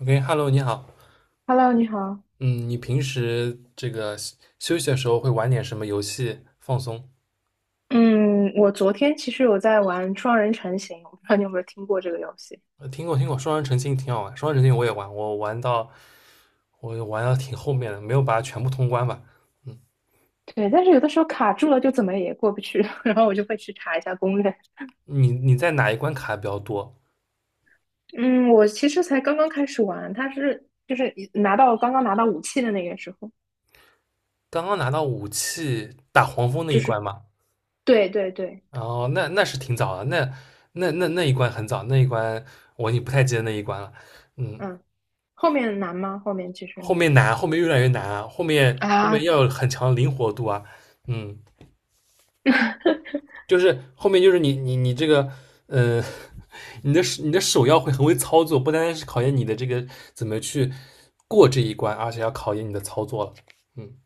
OK，Hello，你好。Hello，你好。嗯，你平时这个休息的时候会玩点什么游戏放松？嗯，我昨天其实有在玩双人成行，我不知道你有没有听过这个游戏。听过听过，双人成行挺好玩。双人成行我也玩，我玩到挺后面的，没有把它全部通关吧。对，但是有的时候卡住了就怎么也过不去，然后我就会去查一下攻略。你在哪一关卡的比较多？嗯，我其实才刚刚开始玩，它是就是一拿到刚刚拿到武器的那个时候，刚刚拿到武器打黄蜂那就一关是嘛？对对对。哦，那是挺早的，那一关很早，那一关我已经不太记得那一关了。嗯，嗯，后面难吗？后面其实后呢？面难，后面越来越难啊，后 面后面啊，要有很强的灵活度啊。嗯。就是后面就是你这个，呃，你的手要会很会操作，不单单是考验你的这个怎么去过这一关，而且要考验你的操作了。嗯，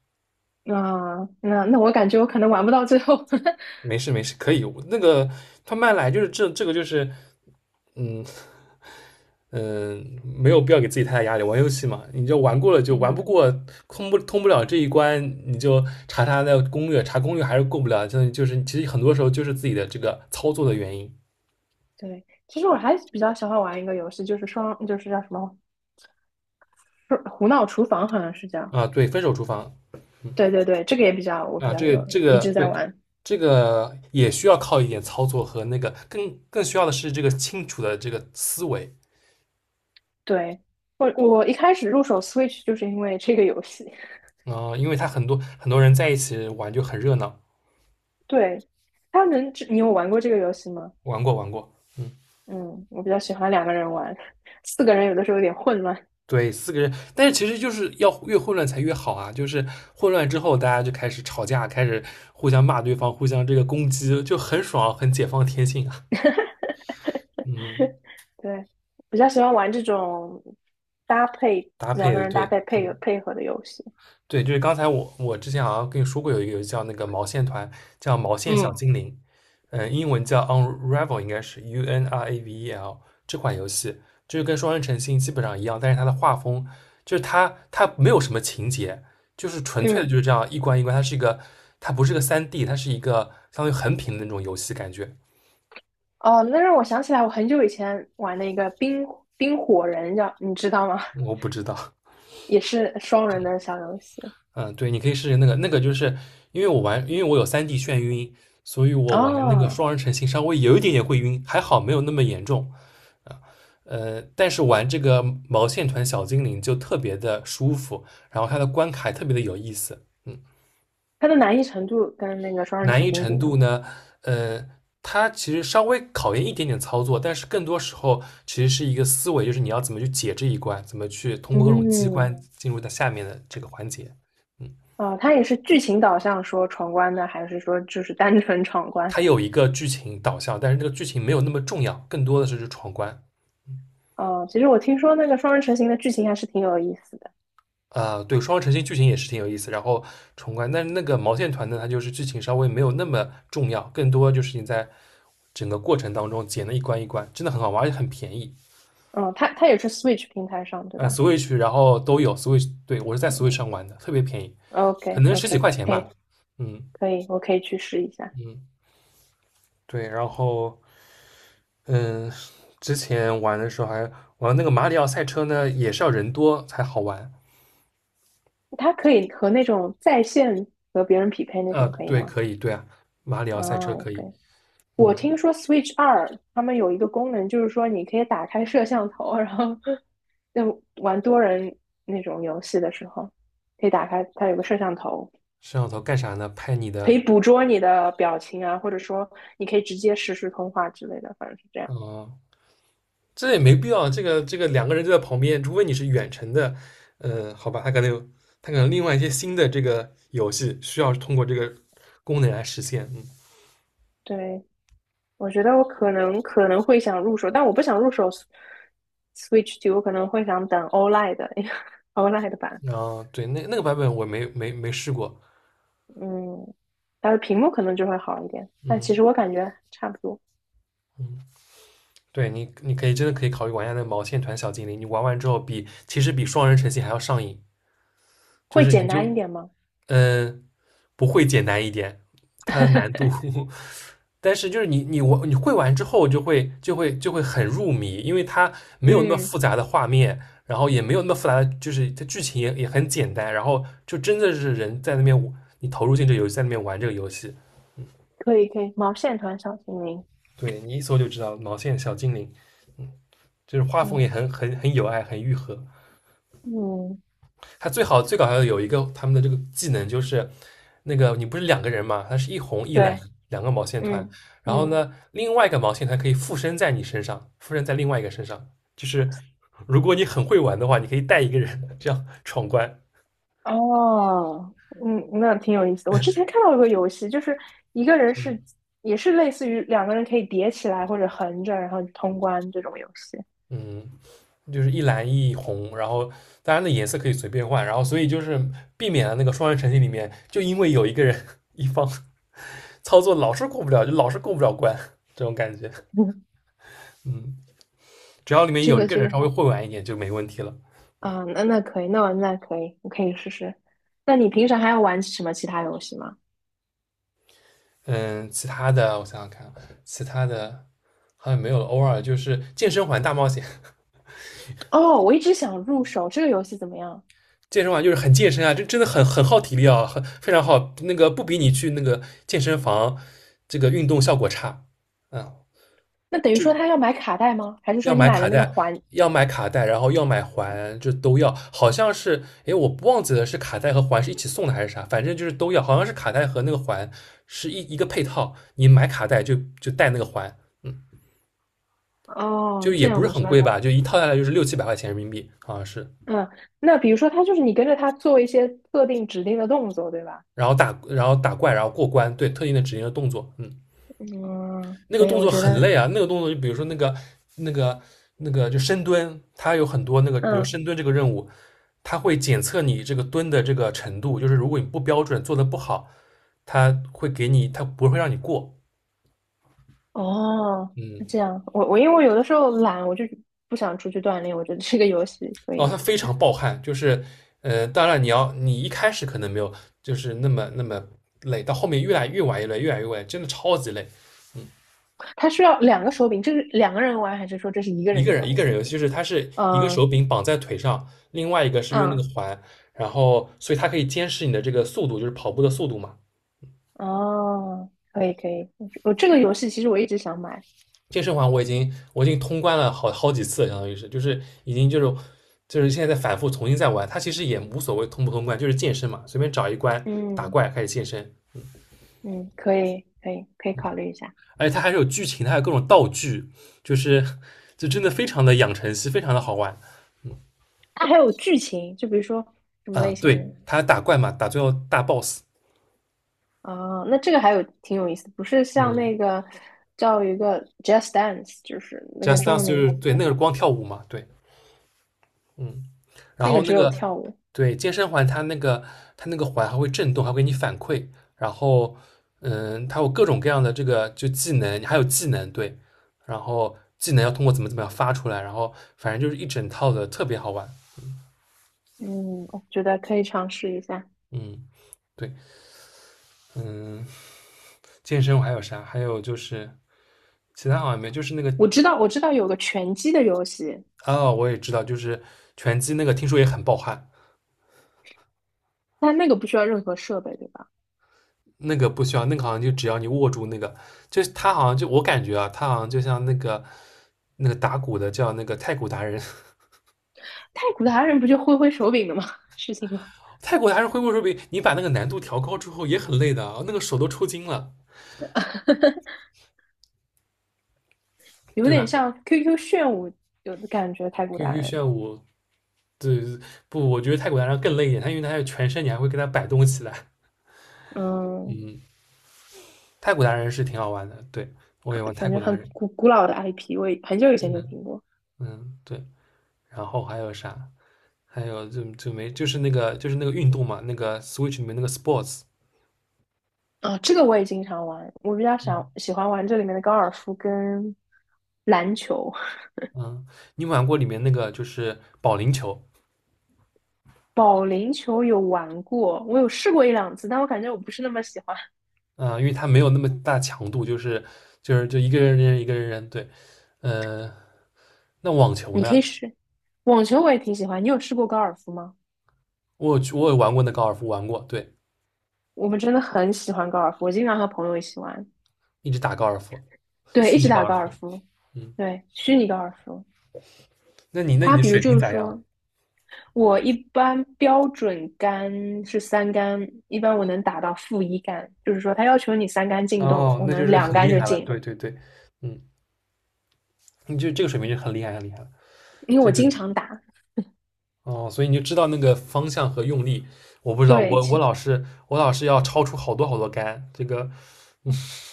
那我感觉我可能玩不到最后。没事没事，可以。那个他慢来就是这个就是，嗯没有必要给自己太大压力。玩游戏嘛，你就玩过了就玩不嗯，过，通不了这一关，你就查查的攻略，查攻略还是过不了。就是其实很多时候就是自己的这个操作的原因。对，其实我还比较喜欢玩一个游戏，就是双，就是叫什么？是胡闹厨房好像是叫，啊。对，分手厨房对对对，这个也比较我比啊，较这有这一个直在对，玩。这个也需要靠一点操作和那个更需要的是这个清楚的这个思维，对，我一开始入手 Switch 就是因为这个游戏。啊，因为他很多很多人在一起玩就很热闹，对，它能，这你有玩过这个游戏吗？玩过玩过，嗯，嗯，我比较喜欢两个人玩，四个人有的时候有点混乱。对，四个人，但是其实就是要越混乱才越好啊，就是混乱之后大家就开始吵架，开始互相骂对方，互相这个攻击，就很爽，很解放天性啊，嗯，对，比较喜欢玩这种搭配搭配两个的人对，配合嗯。配合的游戏。对，就是刚才我之前好像跟你说过有一个游戏叫那个毛线团，叫毛线小嗯精灵，嗯，英文叫 Unravel，应该是 Unravel 这款游戏，就是跟双人成行基本上一样，但是它的画风就是它没有什么情节，就是纯粹的嗯。就是这样一关一关，它不是个三 d， 它是一个相当于横屏的那种游戏感觉，哦，那让我想起来，我很久以前玩的一个冰火人叫，你知道吗？我不知道，也是双人的小游戏。嗯，对，你可以试试那个，那个就是因为我有三 d 眩晕，所以我玩那个哦，双人成行稍微有一点点会晕，还好没有那么严重。但是玩这个毛线团小精灵就特别的舒服，然后它的关卡也特别的有意思。嗯，它的难易程度跟那个双人难成易型程比呢？度呢，呃，它其实稍微考验一点点操作，但是更多时候其实是一个思维，就是你要怎么去解这一关，怎么去通过各种机嗯。关进入到下面的这个环节。嗯。哦，它也是剧情导向说闯关的，还是说就是单纯闯关？它有一个剧情导向，但是这个剧情没有那么重要，更多的是去闯关。哦，其实我听说那个双人成型的剧情还是挺有意思的。啊、对，双城星剧情也是挺有意思，然后闯关，但是那个毛线团呢，它就是剧情稍微没有那么重要，更多就是你在整个过程当中捡了一关一关，真的很好玩，而且很便宜。嗯，它它也是 Switch 平台上对吧Switch， 然后都有 Switch，对，我是在 Switch 上玩的，特别便宜，可？OK， 能十几 OK，块钱可吧。以嗯可以，我可以去试一下。嗯，对，然后嗯，之前玩的时候还玩那个马里奥赛车呢，也是要人多才好玩。它可以和那种在线和别人匹配那啊，种可以对，吗？可以，对啊，马里奥赛车啊，也可可以。以。我嗯，听说 Switch 二他们有一个功能，就是说你可以打开摄像头，然后就玩多人那种游戏的时候，可以打开它有个摄像头，摄像头干啥呢？拍你可的，以捕捉你的表情啊，或者说你可以直接实时通话之类的，反正是这样。呃，这也没必要。这个两个人就在旁边，除非你是远程的，好吧，他可能有，他可能另外一些新的这个游戏需要通过这个功能来实现。嗯，对，我觉得我可能会想入手，但我不想入手 Switch 二，我可能会想等 OLED 的 OLED 版。然后对，那个版本我没试过。嗯，它的屏幕可能就会好一点，但嗯其实我感觉差不多，嗯，对，你可以真的可以考虑玩一下那个毛线团小精灵，你玩完之后比其实比双人成行还要上瘾，就会是你简就单一点吗？嗯、呃不会简单一点，它的难度 但是就是你会玩之后就会很入迷，因为它 没有那么嗯，复杂的画面，然后也没有那么复杂的，就是它剧情也很简单，然后就真的是人在那边你投入进这个游戏，在那边玩这个游戏，可以可以，毛线团小精灵。对，你一搜就知道毛线小精灵，就是画风嗯也很有爱，很愈合。嗯，他最好最搞笑的有一个他们的这个技能就是，那个你不是两个人嘛，它是一红一蓝对，两个毛线团，嗯然后嗯。呢，另外一个毛线团可以附身在你身上，附身在另外一个身上，就是如果你很会玩的话，你可以带一个人这样闯关。哦，嗯，那挺有意思的。我之前看到一个游戏，就是一个人是也是类似于两个人可以叠起来或者横着，然后通关这种游戏。嗯，就是一蓝一红，然后当然的颜色可以随便换，然后所以就是避免了那个双人成行里面，就因为有一个人 一方操作老是过不了，就老是过不了关 这种感觉。嗯，嗯。只要里面这有一个个这人稍个微会玩一点就没问题了。啊，那我可以，我可以试试。那你平常还要玩什么其他游戏吗？嗯，其他的我想想看，其他的好像没有了。偶尔就是健身环大冒险，哦，我一直想入手这个游戏怎么样？健身环就是很健身啊，这真的很耗体力啊，很非常耗。那个不比你去那个健身房这个运动效果差。嗯，那等于说他要买卡带吗？还是说要你买买卡了那个带，环？要买卡带，然后要买环，就都要。好像是，诶，我忘记了是卡带和环是一起送的还是啥，反正就是都要。好像是卡带和那个环是一个配套，你买卡带就带那个环。嗯，就哦，也这不样是的是很吧？贵吧，就一套下来就是六七百块钱人民币啊，好像是。嗯，那比如说他就是你跟着他做一些特定指定的动作，对吧？然后打怪，然后过关，对特定的指令的动作，嗯，嗯，那个可以，动我作觉很得。累啊，那个动作就比如说那个那个就深蹲，它有很多那个，比如嗯。深蹲这个任务，它会检测你这个蹲的这个程度，就是如果你不标准做的不好，它会给你，它不会让你过，哦，那嗯，这样，我因为我有的时候懒，我就不想出去锻炼，我觉得这个游戏可哦，它以。非常暴汗，就是当然你一开始可能没有就是那么那么累，到后面越来越晚越累，越来越晚，真的超级累，它需要两个手柄，这是两个人玩还是说这是一个一人个的人游一个人戏？游戏，就是它是一个嗯。手柄绑在腿上，另外一个是用那嗯。个环，然后所以它可以监视你的这个速度，就是跑步的速度嘛。哦，可以可以，我这个游戏其实我一直想买。健身环我已经通关了好好几次了，相当于是就是已经就是现在在反复重新再玩，它其实也无所谓通不通关，就是健身嘛，随便找一关打嗯怪开始健身，嗯，可以可以可以考虑一下。而且它还是有剧情，它还有各种道具，就是就真的非常的养成系，非常的好玩。它还有剧情，就比如说什么啊。类型的？对，它打怪嘛，打最后大 boss，啊，那这个还有挺有意思的，不是像嗯那个叫一个 Just Dance，就是那个，Just 中文 Dance 就名是叫什对么？那个是光跳舞嘛，对。嗯，然那后个那只有个，跳舞。对，健身环它那个环还会震动，还会给你反馈，然后它有各种各样的这个就技能，还有技能，对，然后技能要通过怎么样发出来，然后反正就是一整套的，特别好玩。嗯，我觉得可以尝试一下。嗯，对，嗯，健身我还有啥？还有就是其他好像没，就是那个我知道，我知道有个拳击的游戏，哦，我也知道，就是拳击那个，听说也很爆汗。但那个不需要任何设备，对吧？那个不需要，那个好像就只要你握住那个，就是他好像就我感觉啊，他好像就像那个打鼓的叫那个太鼓达人，太古达人不就挥挥手柄的吗？事情吗？太鼓达人挥霍手柄，你把那个难度调高之后也很累的啊，那个手都抽筋了，有对点吧像 QQ 炫舞，有的感觉。太古达？QQ 人。炫舞，对，不，我觉得太鼓达人更累一点，他因为他有全身，你还会跟他摆动起来，嗯，嗯，太鼓达人是挺好玩的，对我也玩太感觉鼓达很人，古老的 IP，我很久以前就听过。嗯，对，然后还有啥？还有就没就是那个就是那个运动嘛，那个 Switch 里面那个 Sports，啊，这个我也经常玩，我比较想嗯。喜欢玩这里面的高尔夫跟篮球。嗯，你有没有玩过里面那个就是保龄球，保龄球有玩过，我有试过一两次，但我感觉我不是那么喜欢。嗯，因为它没有那么大强度，就是就一个人扔一个人扔，对，呃，那网球你可以呢？试，网球我也挺喜欢。你有试过高尔夫吗？我有去我也玩过那高尔夫，玩过，对，我们真的很喜欢高尔夫，我经常和朋友一起玩，一直打高尔夫，对，一虚直拟高打尔高尔夫，夫，嗯，对，虚拟高尔夫。那你它的比如水就平是咋样？说，我一般标准杆是三杆，一般我能打到-1杆，就是说它要求你三杆进洞，哦，我那就能是两很杆厉就害了，进。对对对，嗯，你就这个水平就很厉害很厉害了，因为这我个经常打。哦，所以你就知道那个方向和用力，我不知道，对，我老是要超出好多好多杆，这个，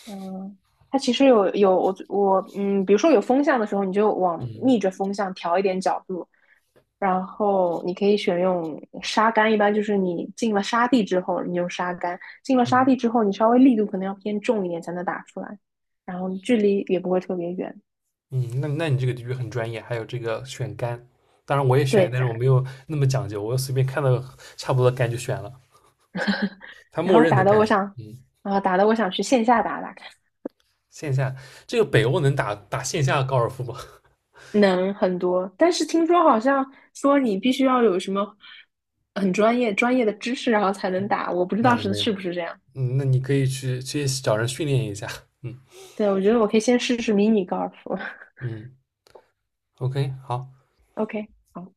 嗯，它其实有我，嗯，比如说有风向的时候，你就往嗯逆着风向调一点角度，然后你可以选用沙杆，一般就是你进了沙地之后，你用沙杆；进了沙嗯地之后，你稍微力度可能要偏重一点才能打出来，然后距离也不会特别远。嗯，那你这个的确很专业，还有这个选杆，当然我也选，对，但是我没有那么讲究，我随便看到差不多的杆就选了，它然默后认的打的杆。我想，嗯，啊、打的我想去线下打打线下这个北欧能打打线下高尔夫吗？能很多，但是听说好像说你必须要有什么很专业的知识，然后才能打，我不 知那道是没有，是不是这样。嗯，那你可以去找人训练一下。嗯对，我觉得我可以先试试迷你高尔夫。嗯，OK，好。OK，好。